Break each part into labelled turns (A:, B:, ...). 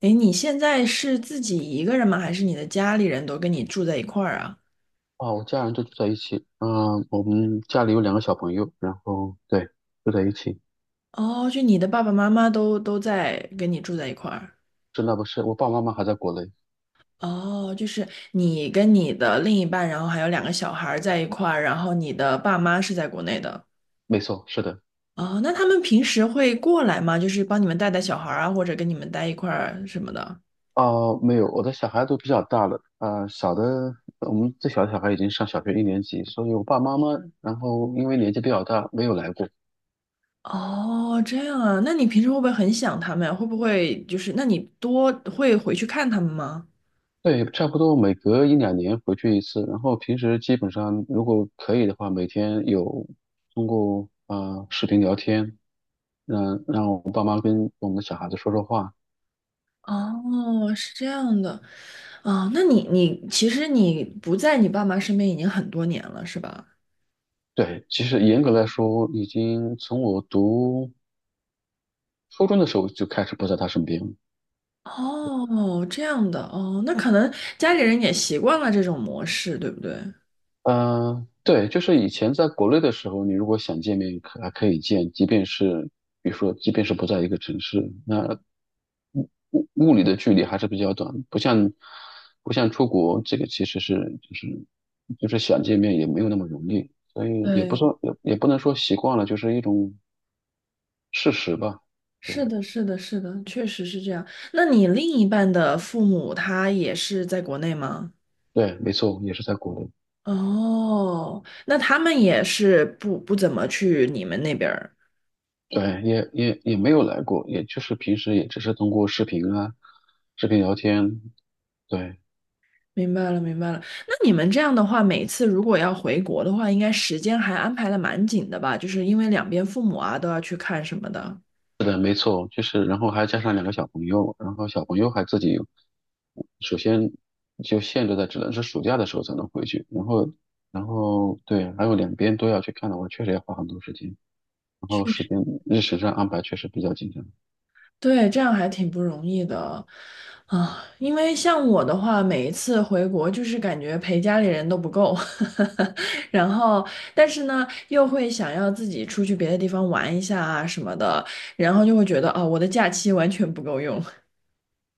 A: 诶，你现在是自己一个人吗？还是你的家里人都跟你住在一块儿啊？
B: 哦，我家人就住在一起。嗯、我们家里有两个小朋友，然后对，住在一起。
A: 哦，就你的爸爸妈妈都在跟你住在一块儿。
B: 是那不是，我爸爸妈妈还在国内。
A: 哦，就是你跟你的另一半，然后还有两个小孩儿在一块儿，然后你的爸妈是在国内的。
B: 没错，是的。
A: 哦，那他们平时会过来吗？就是帮你们带带小孩儿啊，或者跟你们待一块儿什么的。
B: 哦、没有，我的小孩都比较大了。小的，我们最小的小孩已经上小学一年级，所以我爸妈妈，然后因为年纪比较大，没有来过。
A: 哦，这样啊，那你平时会不会很想他们呀？会不会就是，那你多会回去看他们吗？
B: 对，差不多每隔一两年回去一次。然后平时基本上，如果可以的话，每天有通过视频聊天，让我爸妈跟我们的小孩子说说话。
A: 哦，是这样的。啊，那你其实你不在你爸妈身边已经很多年了，是吧？
B: 对，其实严格来说，已经从我读初中的时候就开始不在他身边了。
A: 哦，这样的哦，那可能家里人也习惯了这种模式，对不对？
B: 嗯、对，就是以前在国内的时候，你如果想见面，可还可以见，即便是比如说，即便是不在一个城市，那物理的距离还是比较短，不像出国，这个其实是就是就是想见面也没有那么容易，所以也不
A: 对，
B: 说也不能说习惯了，就是一种事实吧。对
A: 是的，是的，是的，确实是这样。那你另一半的父母他也是在国内吗？
B: 对，没错，也是在国内。
A: 哦，那他们也是不怎么去你们那边儿。
B: 对，也没有来过，也就是平时也只是通过视频啊，视频聊天。对，
A: 明白了，明白了。那你们这样的话，每次如果要回国的话，应该时间还安排的蛮紧的吧？就是因为两边父母啊都要去看什么的。
B: 是的，没错，就是然后还加上两个小朋友，然后小朋友还自己，首先就限制在只能是暑假的时候才能回去，然后对，还有两边都要去看的话，确实要花很多时间，然后时间日程上安排确实比较紧张。
A: 对，这样还挺不容易的啊。因为像我的话，每一次回国就是感觉陪家里人都不够，然后但是呢又会想要自己出去别的地方玩一下啊什么的，然后就会觉得啊我的假期完全不够用。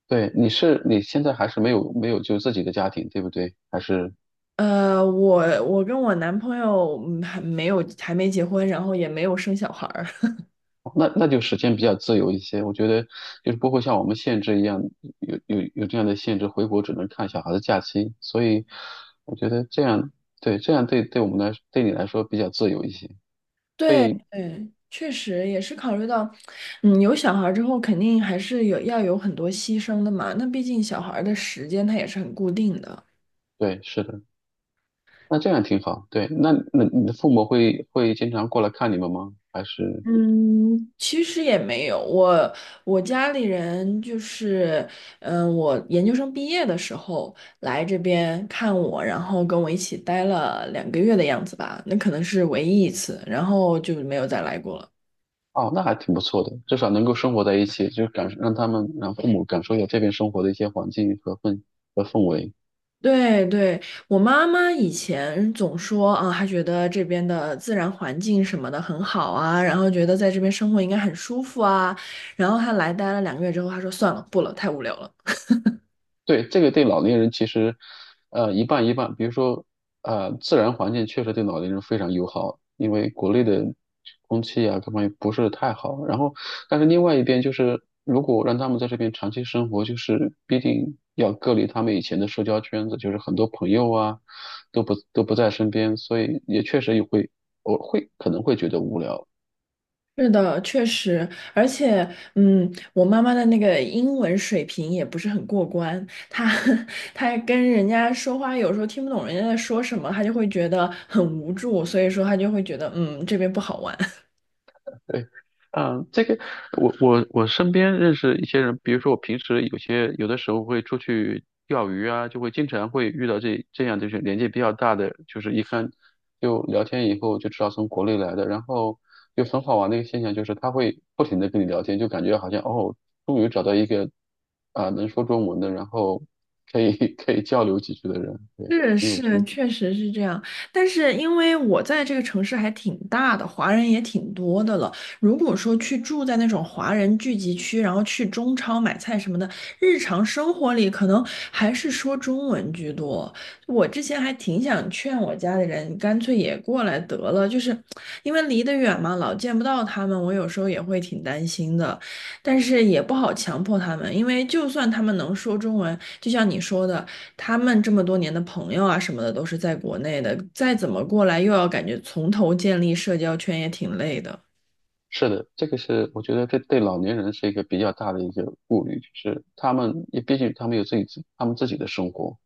B: 对，你现在还是没有就自己的家庭，对不对？还是？
A: 我跟我男朋友还没有还没结婚，然后也没有生小孩儿。
B: 哦那就时间比较自由一些，我觉得就是不会像我们限制一样，有这样的限制，回国只能看小孩的假期，所以我觉得这样，对，这样对我们来，对你来说比较自由一些，
A: 对
B: 对
A: 嗯，确实也是考虑到，嗯，有小孩儿之后肯定还是有要有很多牺牲的嘛。那毕竟小孩儿的时间它也是很固定的。
B: 对，是的，那这样挺好，对，那你的父母会经常过来看你们吗？还是
A: 嗯，其实也没有，我我家里人就是，嗯，我研究生毕业的时候来这边看我，然后跟我一起待了两个月的样子吧，那可能是唯一一次，然后就没有再来过了。
B: 哦，那还挺不错的，至少能够生活在一起，就感让他们让父母感受一下这边生活的一些环境和氛围。
A: 对对，我妈妈以前总说啊，她觉得这边的自然环境什么的很好啊，然后觉得在这边生活应该很舒服啊，然后她来待了两个月之后，她说算了，不了，太无聊了。
B: 对，这个对老年人其实，一半一半。比如说，自然环境确实对老年人非常友好，因为国内的空气啊各方面不是太好。然后，但是另外一边就是，如果让他们在这边长期生活，就是必定要隔离他们以前的社交圈子，就是很多朋友啊都不在身边，所以也确实也会我会可能会觉得无聊。
A: 是的，确实，而且，嗯，我妈妈的那个英文水平也不是很过关，她 她跟人家说话有时候听不懂人家在说什么，她就会觉得很无助，所以说她就会觉得，嗯，这边不好玩。
B: 对，这个我身边认识一些人，比如说我平时有的时候会出去钓鱼啊，就会经常会遇到这样就是年纪比较大的，就是一看就聊天以后就知道从国内来的，然后就很好玩的一个现象就是他会不停的跟你聊天，就感觉好像哦，终于找到一个能说中文的，然后可以 可以交流几句的人，对，
A: 是
B: 你有
A: 是，
B: 这
A: 确实是这样。但是因为我在这个城市还挺大的，华人也挺多的了。如果说去住在那种华人聚集区，然后去中超买菜什么的，日常生活里可能还是说中文居多。我之前还挺想劝我家里人，干脆也过来得了，就是因为离得远嘛，老见不到他们，我有时候也会挺担心的。但是也不好强迫他们，因为就算他们能说中文，就像你说的。他们这么多年的朋友啊什么的都是在国内的，再怎么过来又要感觉从头建立社交圈也挺累的。
B: 是的，这个是我觉得这对老年人是一个比较大的一个顾虑，就是他们也毕竟他们有自己自他们自己的生活。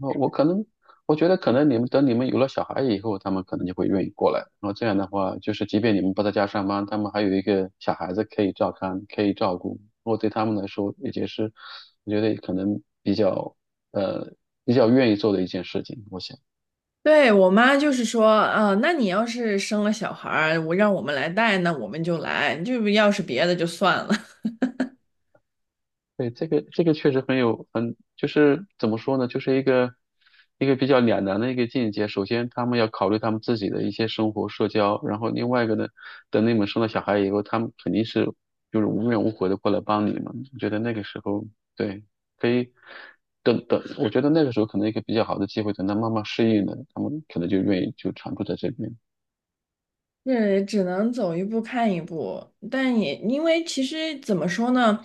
B: 我我可能我觉得可能你们等你们有了小孩以后，他们可能就会愿意过来。然后这样的话，就是即便你们不在家上班，他们还有一个小孩子可以照看，可以照顾。我对他们来说，也就是我觉得可能呃比较愿意做的一件事情。我想。
A: 对，我妈就是说，啊，那你要是生了小孩儿，我让我们来带，那我们就来；就要是别的就算了。
B: 对，这个确实很有就是怎么说呢，就是一个比较两难的一个境界。首先，他们要考虑他们自己的一些生活、社交，然后另外一个呢，等你们生了小孩以后，他们肯定就是无怨无悔的过来帮你嘛。我觉得那个时候，对，可以等等，我觉得那个时候可能一个比较好的机会，等他慢慢适应了，他们可能就愿意就常住在这边。
A: 是只能走一步看一步，但也因为其实怎么说呢，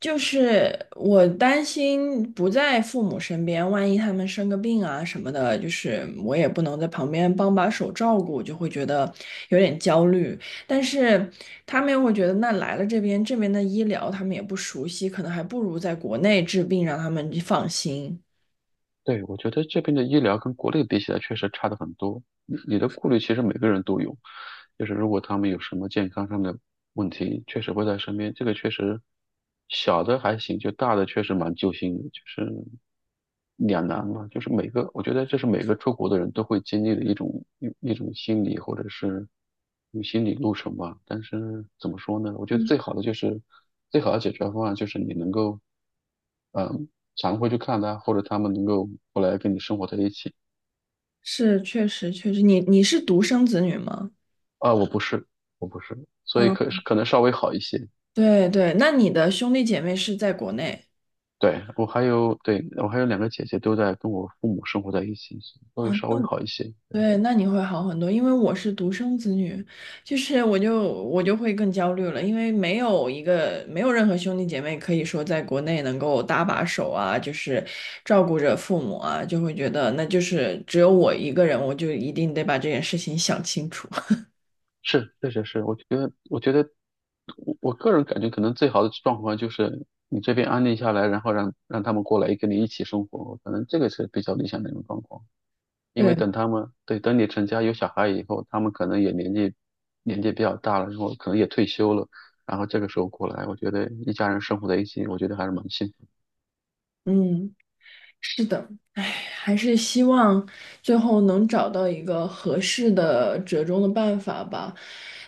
A: 就是我担心不在父母身边，万一他们生个病啊什么的，就是我也不能在旁边帮把手照顾，就会觉得有点焦虑。但是他们又会觉得，那来了这边，这边的医疗他们也不熟悉，可能还不如在国内治病，让他们放心。
B: 对，我觉得这边的医疗跟国内比起来确实差的很多。你的顾虑其实每个人都有，就是如果他们有什么健康上的问题，确实会在身边。这个确实小的还行，就大的确实蛮揪心的，就是两难嘛。就是每个，我觉得这是每个出国的人都会经历的一种心理或者是一种心理路程吧。但是怎么说呢？我觉得
A: 嗯，
B: 最好的解决方案就是你能够。常会去看他，或者他们能够后来跟你生活在一起。
A: 是，确实确实，你你是独生子女吗？
B: 啊，我不是，我不是，所以可
A: 嗯。
B: 可能稍微好一些。
A: 对对，那你的兄弟姐妹是在国内
B: 对，我还有，对，我还有两个姐姐都在跟我父母生活在一起，所
A: 啊？
B: 以稍
A: 那
B: 微好一些。
A: 对，那你会好很多，因为我是独生子女，就是我就会更焦虑了，因为没有一个没有任何兄弟姐妹可以说在国内能够搭把手啊，就是照顾着父母啊，就会觉得那就是只有我一个人，我就一定得把这件事情想清楚。
B: 是，确实是，我觉得，我个人感觉，可能最好的状况就是你这边安定下来，然后让他们过来跟你一起生活，可能这个是比较理想的一种状况。因为
A: 对，
B: 等他们，对，等你成家有小孩以后，他们可能也年纪比较大了，然后可能也退休了，然后这个时候过来，我觉得一家人生活在一起，我觉得还是蛮幸福，
A: 嗯。是的，唉，还是希望最后能找到一个合适的折中的办法吧。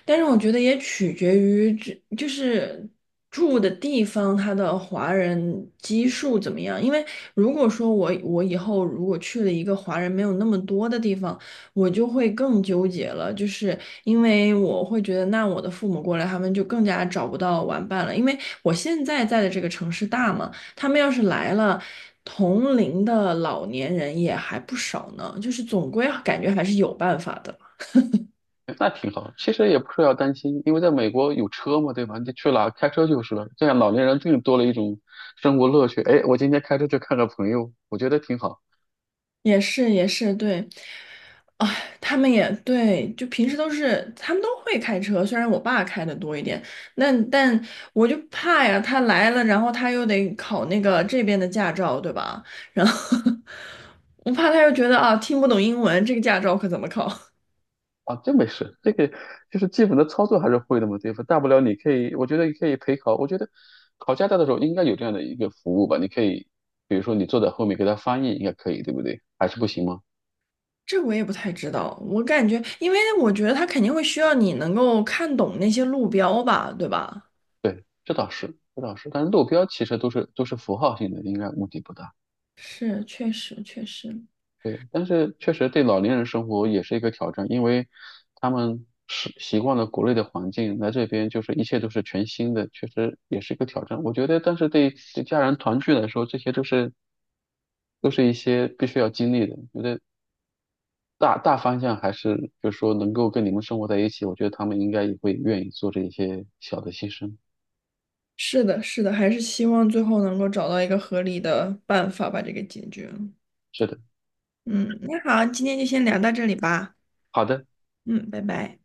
A: 但是我觉得也取决于这就是住的地方，它的华人基数怎么样。因为如果说我以后如果去了一个华人没有那么多的地方，我就会更纠结了，就是因为我会觉得，那我的父母过来，他们就更加找不到玩伴了。因为我现在在的这个城市大嘛。他们要是来了，同龄的老年人也还不少呢，就是总归啊感觉还是有办法的。
B: 那挺好。其实也不是要担心，因为在美国有车嘛，对吧？你去哪开车就是了，这样老年人更多了一种生活乐趣。哎，我今天开车去看个朋友，我觉得挺好。
A: 也是也是，对，啊，他们也对，就平时都是他们都会开车，虽然我爸开的多一点，那但我就怕呀，他来了，然后他又得考那个这边的驾照，对吧？然后 我怕他又觉得啊，听不懂英文，这个驾照可怎么考？
B: 啊，这没事，这个就是基本的操作还是会的嘛，对吧？大不了你可以，我觉得你可以陪考，我觉得考驾照的时候应该有这样的一个服务吧，你可以，比如说你坐在后面给他翻译，应该可以，对不对？还是不行吗？
A: 这我也不太知道，我感觉，因为我觉得他肯定会需要你能够看懂那些路标吧，对吧？
B: 对，这倒是，这倒是，但是路标其实都是符号性的，应该问题不大。
A: 是，确实，确实，
B: 对，但是确实对老年人生活也是一个挑战，因为他们是习惯了国内的环境，来这边就是一切都是全新的，确实也是一个挑战。我觉得，但是对家人团聚来说，这些都是一些必须要经历的。觉得大方向还是就是说能够跟你们生活在一起，我觉得他们应该也会愿意做这一些小的牺牲。
A: 是的，是的，还是希望最后能够找到一个合理的办法把这个解决了。
B: 是的，
A: 嗯，那好，今天就先聊到这里吧。
B: 好的。
A: 嗯，拜拜。